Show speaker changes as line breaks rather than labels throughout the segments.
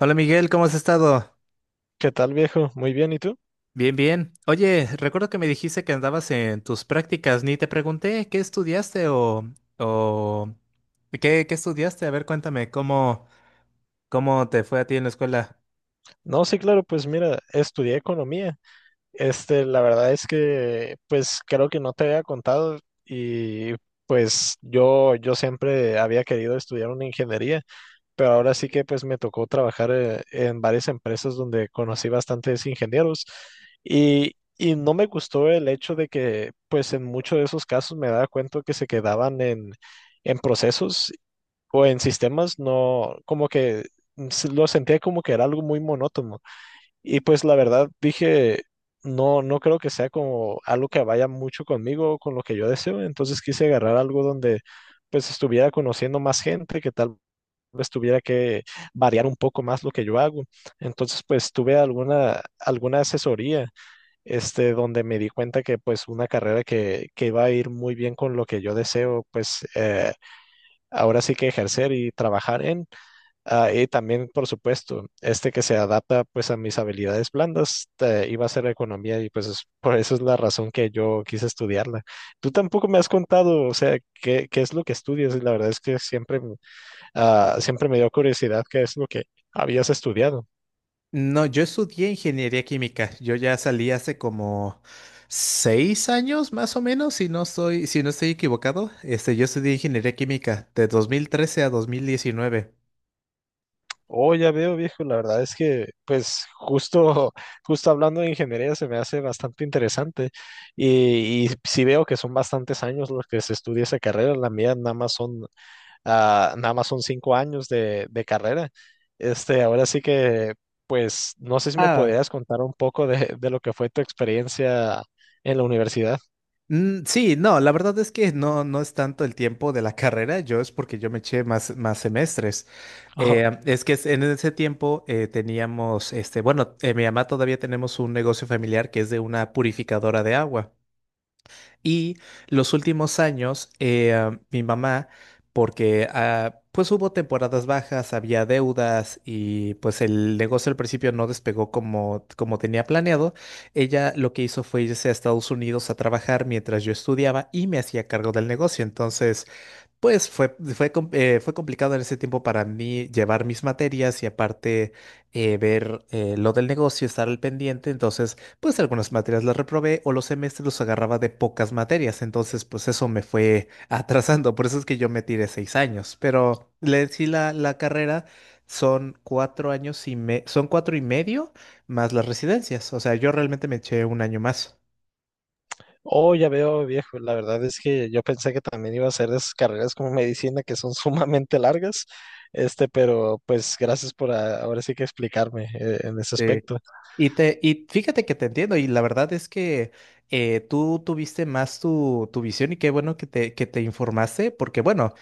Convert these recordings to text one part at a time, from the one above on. Hola Miguel, ¿cómo has estado?
¿Qué tal, viejo? Muy bien, ¿y tú?
Bien, bien. Oye, recuerdo que me dijiste que andabas en tus prácticas, ni te pregunté qué estudiaste o qué estudiaste. A ver, cuéntame, ¿cómo te fue a ti en la escuela?
No, sí, claro, pues mira, estudié economía. Este, la verdad es que, pues creo que no te había contado y pues yo siempre había querido estudiar una ingeniería, pero ahora sí que pues me tocó trabajar en varias empresas donde conocí bastantes ingenieros y, y no me gustó el hecho de que pues en muchos de esos casos me daba cuenta que se quedaban en procesos o en sistemas, no, como que lo sentía como que era algo muy monótono. Y pues la verdad dije, no, no creo que sea como algo que vaya mucho conmigo, con lo que yo deseo. Entonces quise agarrar algo donde pues estuviera conociendo más gente, que tal vez tuviera que variar un poco más lo que yo hago. Entonces pues tuve alguna asesoría, este, donde me di cuenta que pues una carrera que iba a ir muy bien con lo que yo deseo, pues... ahora sí que ejercer y trabajar en. Ah, y también, por supuesto, este que se adapta pues a mis habilidades blandas, iba a ser economía y pues por eso es la razón que yo quise estudiarla. Tú tampoco me has contado, o sea, qué es lo que estudias y la verdad es que siempre, siempre me dio curiosidad qué es lo que habías estudiado.
No, yo estudié ingeniería química. Yo ya salí hace como 6 años, más o menos, si no estoy equivocado. Yo estudié ingeniería química de 2013 a 2019.
Oh, ya veo, viejo, la verdad es que pues justo, justo hablando de ingeniería se me hace bastante interesante y sí veo que son bastantes años los que se estudia esa carrera, la mía nada más son Ah, nada más son 5 años de carrera. Este, ahora sí que, pues, no sé si me podrías contar un poco de lo que fue tu experiencia en la universidad.
Mm, sí, no, la verdad es que no, no es tanto el tiempo de la carrera, yo es porque yo me eché más semestres.
Ajá.
Es que en ese tiempo teníamos, bueno, mi mamá todavía tenemos un negocio familiar que es de una purificadora de agua. Y los últimos años, mi mamá, porque pues hubo temporadas bajas, había deudas y pues el negocio al principio no despegó como tenía planeado, ella lo que hizo fue irse a Estados Unidos a trabajar mientras yo estudiaba y me hacía cargo del negocio. Entonces, pues fue complicado en ese tiempo para mí llevar mis materias y aparte ver lo del negocio, estar al pendiente. Entonces, pues algunas materias las reprobé o los semestres los agarraba de pocas materias. Entonces, pues eso me fue atrasando. Por eso es que yo me tiré 6 años. Pero le sí la carrera son 4 años y son 4 y medio más las residencias. O sea, yo realmente me eché un año más.
Oh, ya veo, viejo. La verdad es que yo pensé que también iba a ser de esas carreras como medicina que son sumamente largas. Este, pero pues gracias por ahora sí que explicarme en ese aspecto.
Y fíjate que te entiendo, y la verdad es que tú tuviste más tu visión y qué bueno que que te informaste, porque bueno,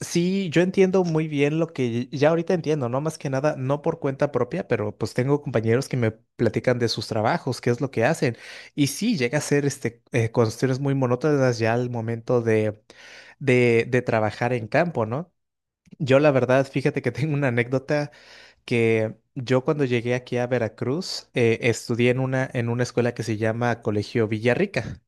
sí, yo entiendo muy bien lo que ya ahorita entiendo, ¿no? Más que nada, no por cuenta propia, pero pues tengo compañeros que me platican de sus trabajos, qué es lo que hacen, y sí, llega a ser cuestiones muy monótonas ya al momento de trabajar en campo, ¿no? Yo la verdad, fíjate que tengo una anécdota que yo cuando llegué aquí a Veracruz estudié en una escuela que se llama Colegio Villarrica.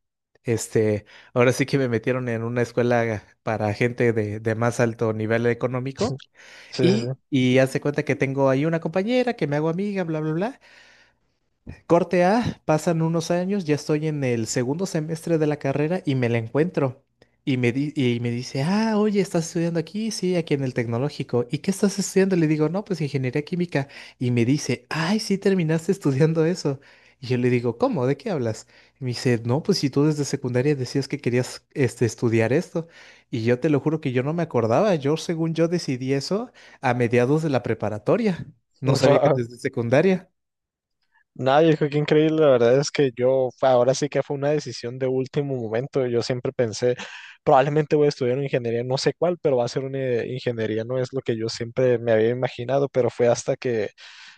Este, Ahora sí que me metieron en una escuela para gente de más alto nivel económico
Sí, sí, sí.
y haz de cuenta que tengo ahí una compañera que me hago amiga, bla, bla, bla. Corte A, pasan unos años, ya estoy en el segundo semestre de la carrera y me la encuentro. Y me dice, ah, oye, ¿estás estudiando aquí? Sí, aquí en el tecnológico. ¿Y qué estás estudiando? Le digo, no, pues ingeniería química. Y me dice, ay, sí, terminaste estudiando eso. Y yo le digo, ¿cómo? ¿De qué hablas? Y me dice, no, pues si tú desde secundaria decías que querías estudiar esto. Y yo te lo juro que yo no me acordaba. Yo, según yo, decidí eso a mediados de la preparatoria. No sabía que
Wow.
desde secundaria.
Nada, viejo, qué increíble. La verdad es que yo, ahora sí que fue una decisión de último momento. Yo siempre pensé, probablemente voy a estudiar una ingeniería, no sé cuál, pero va a ser una ingeniería, no es lo que yo siempre me había imaginado, pero fue hasta que,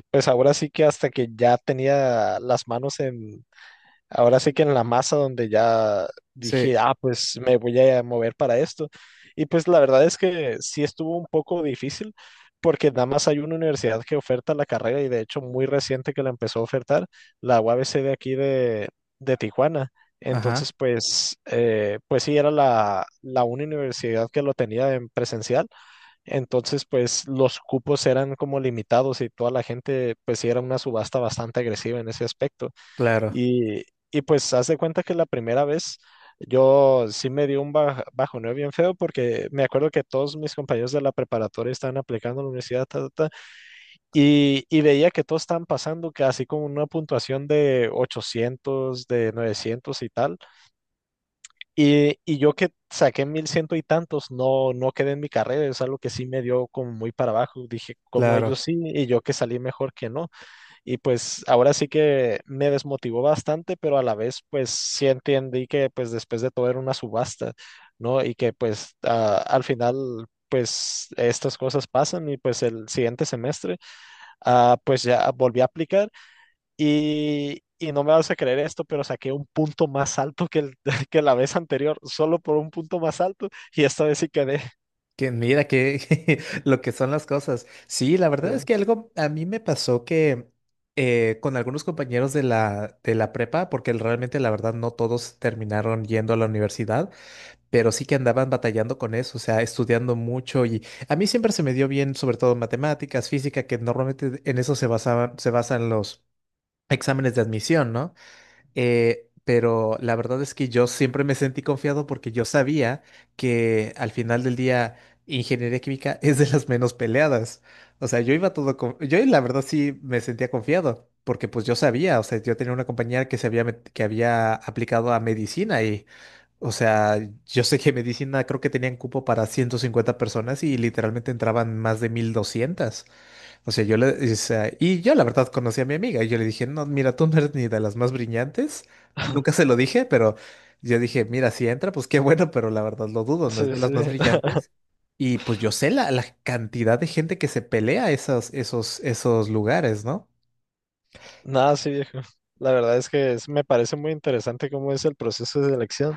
pues ahora sí que hasta que ya tenía las manos en, ahora sí que en la masa donde ya
Sí.
dije, ah, pues me voy a mover para esto. Y pues la verdad es que sí estuvo un poco difícil porque nada más hay una universidad que oferta la carrera y de hecho muy reciente que la empezó a ofertar, la UABC de aquí de Tijuana.
Ajá.
Entonces, pues, pues sí, era la única universidad que lo tenía en presencial. Entonces, pues los cupos eran como limitados y toda la gente, pues sí, era una subasta bastante agresiva en ese aspecto.
Claro,
Y, y pues haz de cuenta que la primera vez yo sí me dio un bajo bajoneo bien feo porque me acuerdo que todos mis compañeros de la preparatoria estaban aplicando a la universidad ta, ta, ta, y veía que todos estaban pasando casi con una puntuación de 800 de 900 y tal. Y yo que saqué 1100 y tantos, no, no quedé en mi carrera, es algo que sí me dio como muy para abajo. Dije, como
claro.
ellos sí, y yo que salí mejor que no. Y pues ahora sí que me desmotivó bastante, pero a la vez pues sí entendí que pues después de todo era una subasta, ¿no? Y que pues al final pues estas cosas pasan y pues el siguiente semestre pues ya volví a aplicar y no me vas a creer esto, pero saqué un punto más alto que, el, que la vez anterior, solo por un punto más alto y esta vez sí quedé.
Que mira que lo que son las cosas. Sí, la verdad es que algo a mí me pasó que con algunos compañeros de la prepa, porque realmente la verdad no todos terminaron yendo a la universidad, pero sí que andaban batallando con eso, o sea, estudiando mucho y a mí siempre se me dio bien, sobre todo matemáticas, física, que normalmente en eso se basan los exámenes de admisión, ¿no? Pero la verdad es que yo siempre me sentí confiado porque yo sabía que al final del día ingeniería química es de las menos peleadas. O sea, yo iba todo con Yo la verdad sí me sentía confiado porque pues yo sabía, o sea, yo tenía una compañera que que había aplicado a medicina y, o sea, yo sé que medicina creo que tenían cupo para 150 personas y literalmente entraban más de 1.200. O sea, o sea, y yo la verdad conocí a mi amiga y yo le dije, no, mira, tú no eres ni de las más brillantes. Nunca se lo dije, pero yo dije, mira, si entra, pues qué bueno, pero la verdad lo dudo, no es
Sí,
de
sí.
las más brillantes. Y pues yo sé la cantidad de gente que se pelea esos lugares, ¿no?
Nada, sí, viejo. La verdad es que me parece muy interesante cómo es el proceso de selección.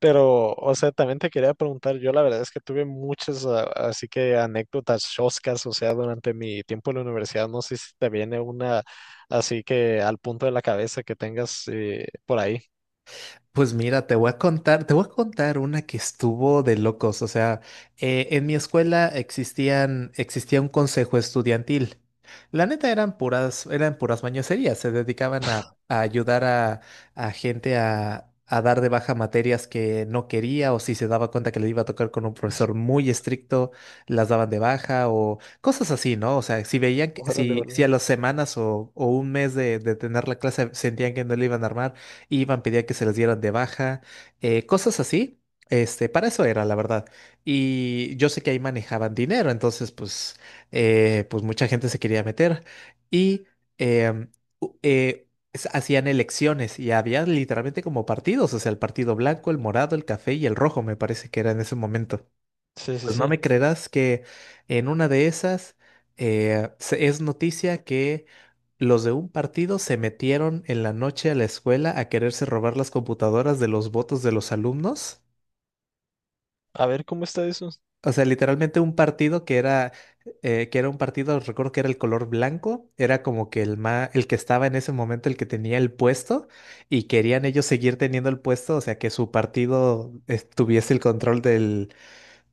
Pero, o sea, también te quería preguntar, yo la verdad es que tuve muchas, así que anécdotas choscas, o sea, durante mi tiempo en la universidad, no sé si te viene una así que al punto de la cabeza que tengas por ahí.
Pues mira, te voy a contar una que estuvo de locos. O sea, en mi escuela existía un consejo estudiantil. La neta eran puras mañoserías. Se dedicaban a ayudar a gente a dar de baja materias que no quería, o si se daba cuenta que le iba a tocar con un profesor muy estricto, las daban de baja, o cosas así, ¿no? O sea, si veían que,
Órale,
si, si a
órale.
las semanas o un mes de tener la clase sentían que no le iban a armar pedían que se les dieran de baja, cosas así. Para eso era, la verdad. Y yo sé que ahí manejaban dinero, entonces, pues, pues mucha gente se quería meter. Y em, u- eh, hacían elecciones y había literalmente como partidos, o sea, el partido blanco, el morado, el café y el rojo, me parece que era en ese momento.
Sí, sí,
Pues no
sí.
me creerás que en una de esas es noticia que los de un partido se metieron en la noche a la escuela a quererse robar las computadoras de los votos de los alumnos.
A ver, ¿cómo está eso?
O sea, literalmente un partido que era un partido, recuerdo que era el color blanco, era como que el que estaba en ese momento, el que tenía el puesto, y querían ellos seguir teniendo el puesto, o sea, que su partido tuviese el control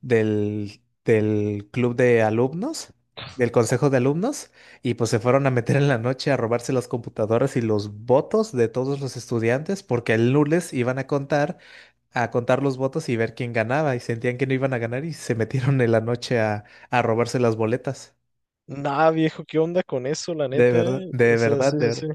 del club de alumnos, del consejo de alumnos, y pues se fueron a meter en la noche a robarse las computadoras y los votos de todos los estudiantes, porque el lunes iban a contar, los votos y ver quién ganaba, y sentían que no iban a ganar y se metieron en la noche a robarse las boletas.
Nah, viejo, ¿qué onda con eso, la
De
neta,
verdad,
eh? O
de
sea,
verdad,
sí, sí,
de
sí.
verdad.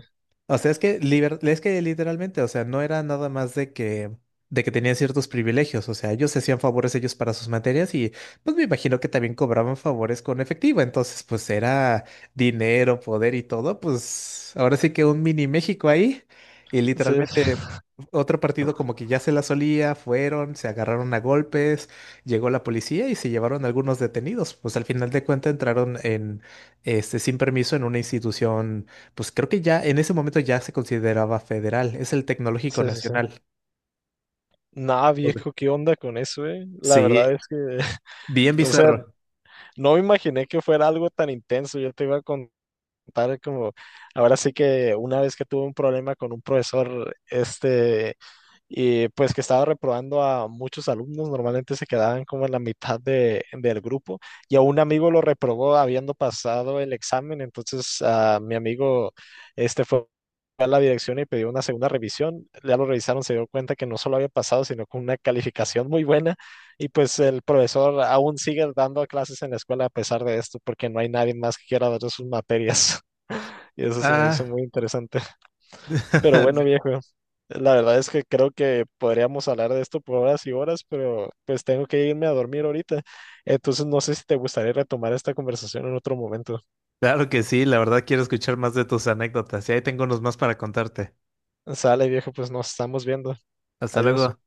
O sea, es que literalmente, o sea, no era nada más de que tenían ciertos privilegios, o sea, ellos se hacían favores ellos para sus materias y pues me imagino que también cobraban favores con efectivo, entonces pues era dinero, poder y todo, pues ahora sí que un mini México ahí y
Sí,
literalmente otro partido como que ya se la solía, fueron, se agarraron a golpes, llegó la policía y se llevaron algunos detenidos, pues al final de cuentas entraron sin permiso en una institución, pues creo que ya en ese momento ya se consideraba federal, es el Tecnológico
sí, sí, sí.
Nacional.
Nah, viejo, ¿qué onda con eso, eh? La verdad
Sí,
es que,
bien
o sea,
bizarro.
no me imaginé que fuera algo tan intenso. Yo te iba a contar como, ahora sí que una vez que tuve un problema con un profesor, este, y pues que estaba reprobando a muchos alumnos, normalmente se quedaban como en la mitad del grupo, y a un amigo lo reprobó habiendo pasado el examen, entonces a mi amigo, este fue a la dirección y pidió una segunda revisión, ya lo revisaron, se dio cuenta que no solo había pasado, sino con una calificación muy buena, y pues el profesor aún sigue dando clases en la escuela a pesar de esto, porque no hay nadie más que quiera dar sus materias. Y eso se me hizo
Ah,
muy interesante. Pero bueno, viejo, la verdad es que creo que podríamos hablar de esto por horas y horas, pero pues tengo que irme a dormir ahorita. Entonces no sé si te gustaría retomar esta conversación en otro momento.
claro que sí, la verdad quiero escuchar más de tus anécdotas y ahí tengo unos más para contarte.
Sale, viejo, pues nos estamos viendo.
Hasta
Adiós.
luego.